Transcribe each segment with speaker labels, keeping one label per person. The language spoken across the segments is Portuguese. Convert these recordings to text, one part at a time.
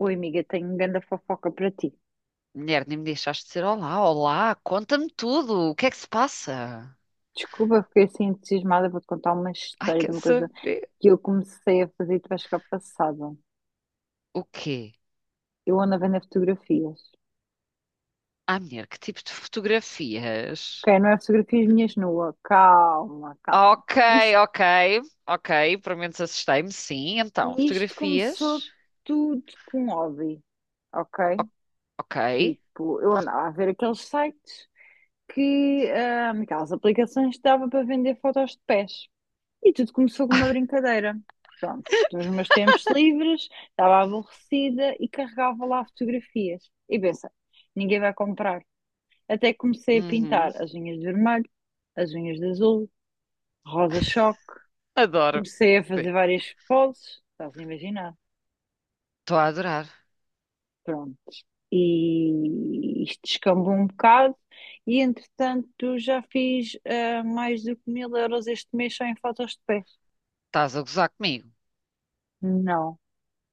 Speaker 1: Oi, amiga, tenho uma grande fofoca para ti.
Speaker 2: Mulher, nem me deixaste dizer olá, conta-me tudo, o que é que se passa?
Speaker 1: Desculpa, fiquei assim entusiasmada. Vou-te contar uma
Speaker 2: Ai,
Speaker 1: história de
Speaker 2: quer
Speaker 1: uma coisa
Speaker 2: saber?
Speaker 1: que eu comecei a fazer e tu vais ficar passada.
Speaker 2: O quê?
Speaker 1: Eu ando a vender fotografias.
Speaker 2: Ai, mulher, que tipo de fotografias?
Speaker 1: Ok, não é fotografias minhas nuas. Calma, calma.
Speaker 2: Ok,
Speaker 1: Isto,
Speaker 2: ok, ok, pelo menos assustei-me, sim, então,
Speaker 1: isto começou
Speaker 2: fotografias,
Speaker 1: tudo com hobby,
Speaker 2: O-
Speaker 1: ok?
Speaker 2: ok,
Speaker 1: Tipo, eu andava a ver aqueles sites que, aquelas aplicações que dava para vender fotos de pés. E tudo começou com uma brincadeira. Pronto, nos meus tempos livres, estava aborrecida e carregava lá fotografias. E pensa, ninguém vai comprar. Até que comecei a
Speaker 2: uhum,
Speaker 1: pintar as unhas de vermelho, as unhas de azul, rosa-choque.
Speaker 2: adoro,
Speaker 1: Comecei a fazer várias poses, estás a imaginar.
Speaker 2: estou a adorar,
Speaker 1: Pronto. E isto descambou um bocado. E entretanto, já fiz mais do que 1000 euros este mês só em fotos de pés.
Speaker 2: estás a gozar comigo.
Speaker 1: Não.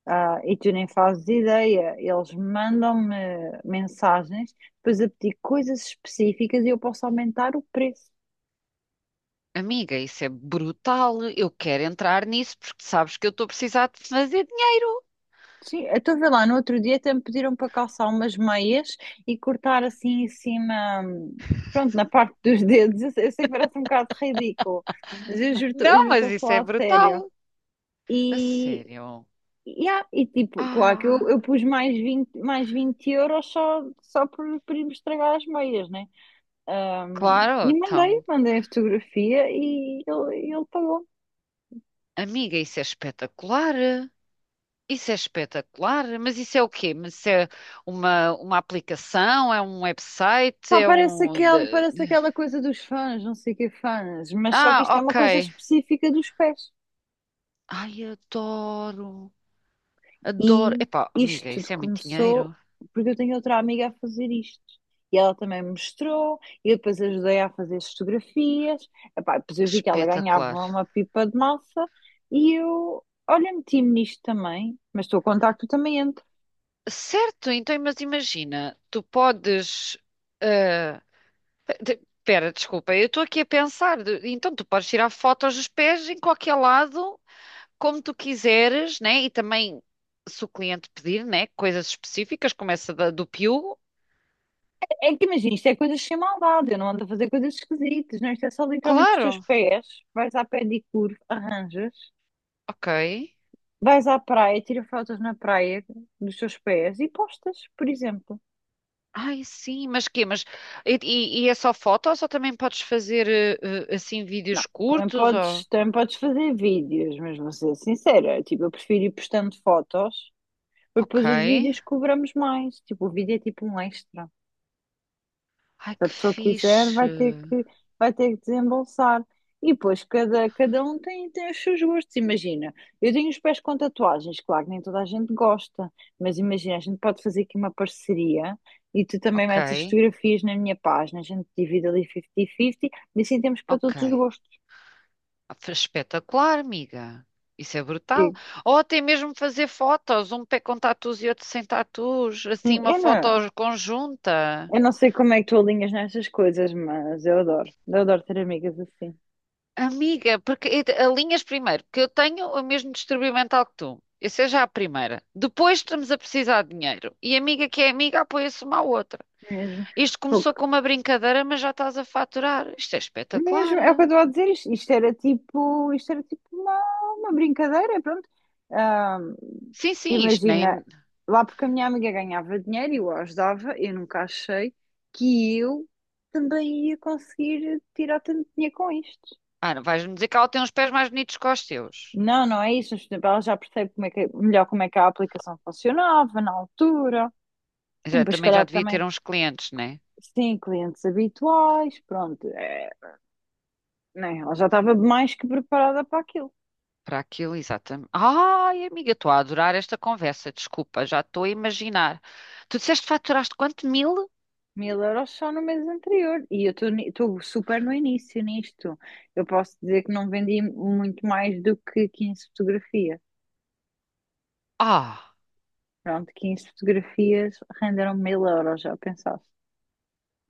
Speaker 1: Ah, e tu nem fazes ideia, eles mandam-me mensagens, depois a pedir coisas específicas e eu posso aumentar o preço.
Speaker 2: Amiga, isso é brutal, eu quero entrar nisso porque sabes que eu estou a precisar de fazer dinheiro.
Speaker 1: Sim, eu estou a ver lá, no outro dia até me pediram para calçar umas meias e cortar assim em cima, pronto, na parte dos dedos. Eu sei que parece um bocado ridículo, mas eu
Speaker 2: Não,
Speaker 1: juro,
Speaker 2: mas
Speaker 1: estou a
Speaker 2: isso é
Speaker 1: falar a sério.
Speaker 2: brutal, a
Speaker 1: E,
Speaker 2: sério.
Speaker 1: e, tipo, claro que
Speaker 2: Ah.
Speaker 1: eu pus mais 20 mais 20 euros só, só por ir me estragar as meias, né?
Speaker 2: Claro,
Speaker 1: E mandei,
Speaker 2: então.
Speaker 1: mandei a fotografia e ele pagou.
Speaker 2: Amiga, isso é espetacular. Isso é espetacular. Mas isso é o quê? Mas isso é uma aplicação? É um website?
Speaker 1: Pá,
Speaker 2: É
Speaker 1: parece
Speaker 2: um.
Speaker 1: aquele, parece aquela coisa dos fãs, não sei o que fãs, mas só que isto
Speaker 2: Ah,
Speaker 1: é uma coisa
Speaker 2: ok.
Speaker 1: específica dos pés.
Speaker 2: Ai, adoro. Adoro.
Speaker 1: E
Speaker 2: Epá, amiga,
Speaker 1: isto tudo
Speaker 2: isso é muito
Speaker 1: começou
Speaker 2: dinheiro.
Speaker 1: porque eu tenho outra amiga a fazer isto. E ela também me mostrou, e eu depois ajudei a fazer as fotografias. Epá, depois eu vi que ela
Speaker 2: Espetacular.
Speaker 1: ganhava uma pipa de massa e eu, olha, meti-me nisto também, mas estou a contar que tu também entras.
Speaker 2: Certo, então, mas imagina, tu podes. ah, Pera, desculpa, eu estou aqui a pensar. Então, tu podes tirar fotos dos pés em qualquer lado como tu quiseres, né? E também, se o cliente pedir, né? Coisas específicas, como essa do Piu,
Speaker 1: É que imagina, isto é coisas sem maldade, eu não ando a fazer coisas esquisitas, não, isto é só literalmente os teus
Speaker 2: claro,
Speaker 1: pés, vais à pedicure, arranjas,
Speaker 2: ok.
Speaker 1: vais à praia, tira fotos na praia dos teus pés e postas, por exemplo.
Speaker 2: Ai, sim, mas quê? Mas, e é só foto ou só também podes fazer assim
Speaker 1: Não,
Speaker 2: vídeos curtos? Ou...
Speaker 1: também podes fazer vídeos, mas vou ser sincera, tipo, eu prefiro ir postando fotos, porque depois
Speaker 2: Ok.
Speaker 1: os vídeos cobramos mais, tipo, o vídeo é tipo um extra.
Speaker 2: Ai,
Speaker 1: Se a
Speaker 2: que
Speaker 1: pessoa quiser,
Speaker 2: fixe.
Speaker 1: vai ter que desembolsar. E depois, cada um tem os seus gostos. Imagina, eu tenho os pés com tatuagens, claro que nem toda a gente gosta, mas imagina, a gente pode fazer aqui uma parceria e tu também
Speaker 2: Ok,
Speaker 1: metes as fotografias na minha página, a gente divide ali 50-50 e assim temos para
Speaker 2: ok.
Speaker 1: todos os gostos.
Speaker 2: Espetacular, amiga. Isso é brutal.
Speaker 1: Que-
Speaker 2: Ou até mesmo fazer fotos, um pé com tatus e outro sem tatus,
Speaker 1: Sim,
Speaker 2: assim uma
Speaker 1: eu
Speaker 2: foto
Speaker 1: não,
Speaker 2: conjunta.
Speaker 1: eu não sei como é que tu alinhas nestas coisas, mas eu adoro ter amigas assim,
Speaker 2: Amiga, porque alinhas primeiro, porque eu tenho o mesmo distúrbio mental que tu. Essa é já a primeira. Depois estamos a precisar de dinheiro. E amiga que é amiga apoia-se uma à outra.
Speaker 1: mesmo.
Speaker 2: Isto começou com uma brincadeira, mas já estás a faturar. Isto é espetacular.
Speaker 1: Mesmo, é o que eu estou a dizer, isto isto era tipo uma brincadeira, pronto. Ahm,
Speaker 2: Sim, sim, isto
Speaker 1: imagina,
Speaker 2: nem.
Speaker 1: lá porque a minha amiga ganhava dinheiro e eu a ajudava, eu nunca achei que eu também ia conseguir tirar tanto dinheiro com isto.
Speaker 2: Ah, não vais-me dizer que ela tem uns pés mais bonitos que os teus.
Speaker 1: Não, não é isso, mas por exemplo, ela já percebe como é que a aplicação funcionava na altura,
Speaker 2: Já,
Speaker 1: mas se
Speaker 2: também já
Speaker 1: calhar
Speaker 2: devia ter
Speaker 1: também.
Speaker 2: uns clientes, né?
Speaker 1: Sim, clientes habituais, pronto, é, né, ela já estava mais que preparada para aquilo.
Speaker 2: Para aquilo, exatamente. Ai, amiga, estou a adorar esta conversa. Desculpa, já estou a imaginar. Tu disseste que faturaste quanto? Mil?
Speaker 1: 1000 euros só no mês anterior. E eu estou super no início nisto. Eu posso dizer que não vendi muito mais do que 15 fotografias.
Speaker 2: Ah!
Speaker 1: Pronto, 15 fotografias renderam 1000 euros, já pensaste?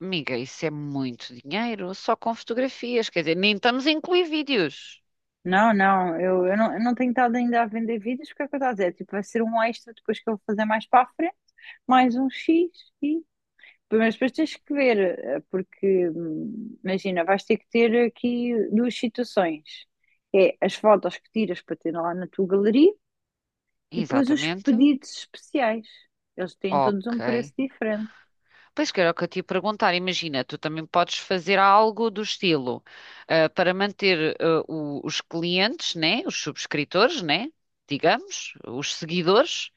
Speaker 2: Amiga, isso é muito dinheiro, só com fotografias, quer dizer, nem estamos a incluir vídeos.
Speaker 1: Não, não, eu não tenho estado ainda a vender vídeos, porque é o que eu estou a dizer, tipo, vai ser um extra depois que eu vou fazer mais para a frente, mais um X e. Mas depois tens que ver, porque imagina, vais ter que ter aqui duas situações. É as fotos que tiras para ter lá na tua galeria e depois os
Speaker 2: Exatamente.
Speaker 1: pedidos especiais. Eles têm todos um
Speaker 2: Ok.
Speaker 1: preço diferente.
Speaker 2: Pois que era o que eu te ia perguntar. Imagina, tu também podes fazer algo do estilo, para manter, os clientes, né? Os subscritores, né? Digamos, os seguidores,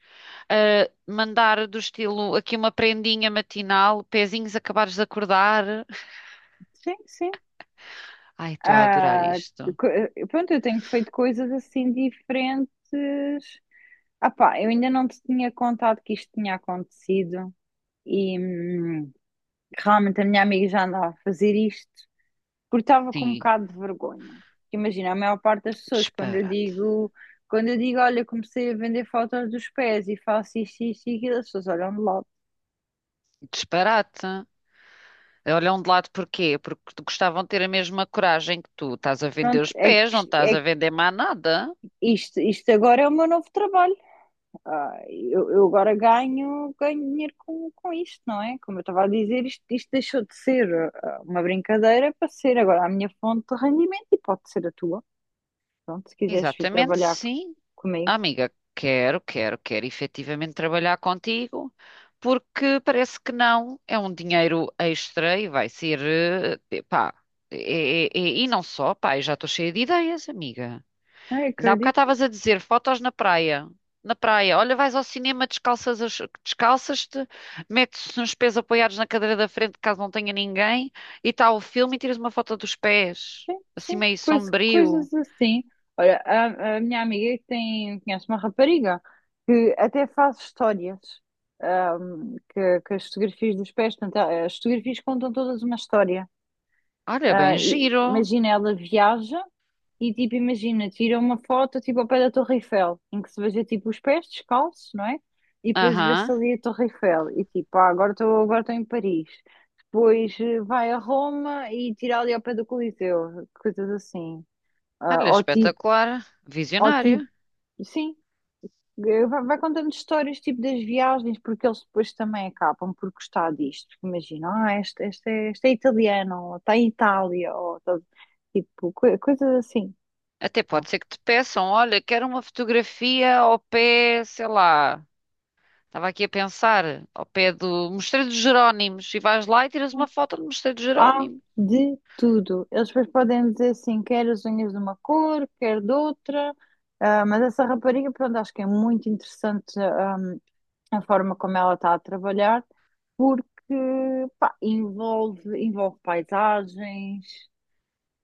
Speaker 2: ah, mandar do estilo aqui uma prendinha matinal, pezinhos acabares de acordar.
Speaker 1: Sim, sim.
Speaker 2: Ai, estou a adorar
Speaker 1: Ah,
Speaker 2: isto.
Speaker 1: pronto, eu tenho feito coisas assim diferentes. Ah pá, eu ainda não te tinha contado que isto tinha acontecido e realmente a minha amiga já andava a fazer isto porque estava com um
Speaker 2: Sim,
Speaker 1: bocado de vergonha. Imagina, a maior parte das pessoas,
Speaker 2: disparate.
Speaker 1: quando eu digo, olha, comecei a vender fotos dos pés e faço isto, isto e aquilo, as pessoas olham de lado.
Speaker 2: Disparate. Olham de lado porquê? Porque gostavam de ter a mesma coragem que tu. Estás a vender
Speaker 1: Pronto,
Speaker 2: os
Speaker 1: é
Speaker 2: pés,
Speaker 1: que,
Speaker 2: não estás a vender mais nada.
Speaker 1: isto, isto agora é o meu novo trabalho. Ah, eu agora ganho dinheiro com isto, não é? Como eu estava a dizer, isto deixou de ser uma brincadeira para ser agora a minha fonte de rendimento e pode ser a tua. Pronto, se quiseres vir
Speaker 2: Exatamente, sim.
Speaker 1: comigo.
Speaker 2: Ah, Amiga, quero efetivamente trabalhar contigo, porque parece que não, é um dinheiro extra e vai ser, pá, e não só, pá, eu já estou cheia de ideias, amiga.
Speaker 1: Ah, eu
Speaker 2: Ainda há bocado
Speaker 1: acredito,
Speaker 2: estavas a dizer fotos na praia. Na praia, olha, vais ao cinema, descalças, descalças-te, metes uns pés apoiados na cadeira da frente, caso não tenha ninguém, e está o filme e tiras uma foto dos pés,
Speaker 1: sim,
Speaker 2: assim
Speaker 1: sim,
Speaker 2: meio sombrio.
Speaker 1: Coisas assim. Olha, a minha amiga tem, conhece uma rapariga que até faz histórias. ah, que as fotografias dos pés, portanto, as fotografias contam todas uma história.
Speaker 2: Olha, bem giro.
Speaker 1: Imagina, ela viaja e, tipo, imagina, tira uma foto, tipo, ao pé da Torre Eiffel, em que se veja, tipo, os pés descalços, não é? E depois vê-se
Speaker 2: Aham.
Speaker 1: ali a Torre Eiffel e, tipo, ah, agora estou em Paris. Depois vai a Roma e tira ali ao pé do Coliseu, coisas assim.
Speaker 2: Olha,
Speaker 1: Ah, ou tipo,
Speaker 2: espetacular.
Speaker 1: ou tipo,
Speaker 2: Visionário.
Speaker 1: sim, vai contando histórias tipo das viagens, porque eles depois também acabam por gostar disto. Porque imagina, ah, este é italiano, ou está em Itália, tipo, coisas assim.
Speaker 2: Até
Speaker 1: Tá
Speaker 2: pode ser que te peçam, olha, quero uma fotografia ao pé, sei lá. Estava aqui a pensar, ao pé do Mosteiro dos Jerónimos, e vais lá e tiras uma
Speaker 1: bom?
Speaker 2: foto do Mosteiro dos
Speaker 1: Há
Speaker 2: Jerónimos.
Speaker 1: de tudo. Eles depois podem dizer assim, quer as unhas de uma cor, quer de outra. Ah, mas essa rapariga, pronto, acho que é muito interessante, a forma como ela está a trabalhar porque pá, envolve paisagens.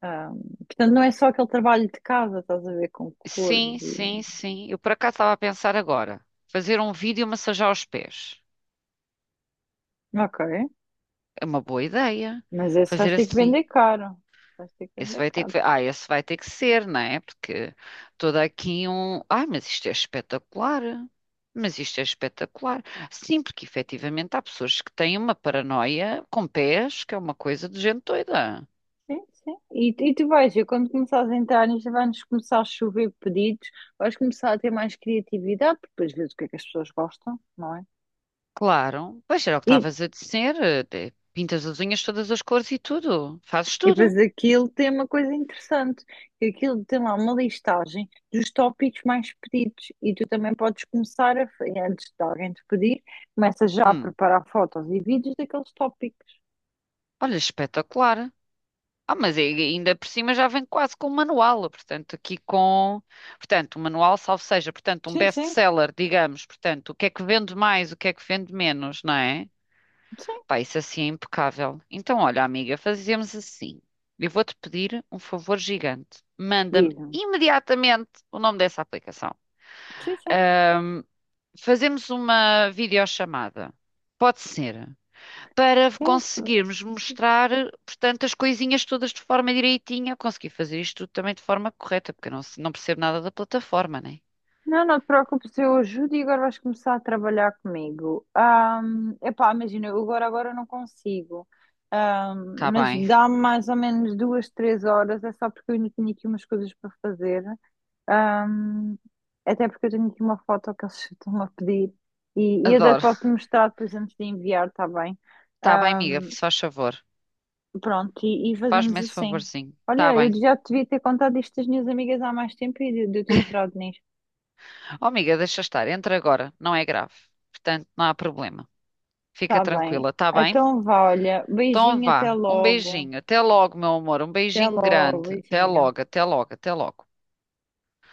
Speaker 1: Ah, portanto, não é só aquele trabalho de casa, estás a ver com cores
Speaker 2: Sim,
Speaker 1: e.
Speaker 2: sim, sim. Eu por acaso estava a pensar agora. Fazer um vídeo e massajar os pés.
Speaker 1: Ok,
Speaker 2: É uma boa ideia.
Speaker 1: mas esse vais
Speaker 2: Fazer
Speaker 1: ter que
Speaker 2: assim.
Speaker 1: vender caro. Vais ter que
Speaker 2: Esse
Speaker 1: vender
Speaker 2: vai ter
Speaker 1: caro.
Speaker 2: que... Ah, esse vai ter que ser, não é? Porque toda aqui um... Ah, mas isto é espetacular. Mas isto é espetacular. Sim, porque efetivamente há pessoas que têm uma paranoia com pés, que é uma coisa de gente doida.
Speaker 1: Sim, sim. E tu vais ver, quando começares a entrar nisto, vai-nos começar a chover pedidos, vais começar a ter mais criatividade, porque depois vês o que é que as pessoas gostam, não é?
Speaker 2: Claro. Pois era o que
Speaker 1: E
Speaker 2: estavas a dizer. Pintas as unhas todas as cores e tudo. Fazes
Speaker 1: E
Speaker 2: tudo.
Speaker 1: depois aquilo tem uma coisa interessante, que aquilo tem lá uma listagem dos tópicos mais pedidos e tu também podes antes de alguém te pedir, começa já a
Speaker 2: Hum.
Speaker 1: preparar fotos e vídeos daqueles tópicos.
Speaker 2: Olha, espetacular. Ah, mas aí ainda por cima já vem quase com o manual, portanto, aqui com, portanto, o manual, salvo seja, portanto, um
Speaker 1: Sim, sim,
Speaker 2: best-seller, digamos, portanto, o que é que vende mais, o que é que vende menos, não é?
Speaker 1: sim,
Speaker 2: Pá, isso assim é impecável. Então, olha, amiga, fazemos assim. Eu vou-te pedir um favor gigante. Manda-me
Speaker 1: diz-me.
Speaker 2: imediatamente o nome dessa aplicação.
Speaker 1: Sim, sim,
Speaker 2: Ahm, fazemos uma videochamada. Pode ser para
Speaker 1: sim.
Speaker 2: conseguirmos mostrar, portanto, as coisinhas todas de forma direitinha. Eu consegui fazer isto tudo também de forma correta, porque eu não, não percebo nada da plataforma, né?
Speaker 1: Não, não te preocupes, eu ajudo e agora vais começar a trabalhar comigo. Epá, imagina, agora não consigo.
Speaker 2: Tá
Speaker 1: Mas
Speaker 2: bem,
Speaker 1: dá-me mais ou menos 2, 3 horas, é só porque eu ainda tenho aqui umas coisas para fazer. Ahm, até porque eu tenho aqui uma foto que eles estão a pedir e eu até te
Speaker 2: adoro.
Speaker 1: posso mostrar depois antes de enviar, está bem?
Speaker 2: Tá bem, amiga,
Speaker 1: Ahm,
Speaker 2: se faz favor.
Speaker 1: pronto, e fazemos
Speaker 2: Faz-me esse
Speaker 1: assim.
Speaker 2: favorzinho. Tá
Speaker 1: Olha, eu
Speaker 2: bem.
Speaker 1: já te devia ter contado isto às minhas amigas há mais tempo e de eu ter entrado nisto.
Speaker 2: Oh, amiga, deixa estar, entra agora, não é grave. Portanto, não há problema. Fica
Speaker 1: Está bem.
Speaker 2: tranquila, tá bem?
Speaker 1: Então vá, olha,
Speaker 2: Então
Speaker 1: beijinho, até
Speaker 2: vá, um
Speaker 1: logo.
Speaker 2: beijinho. Até logo, meu amor. Um
Speaker 1: Até
Speaker 2: beijinho
Speaker 1: logo,
Speaker 2: grande.
Speaker 1: beijinho.
Speaker 2: Até logo.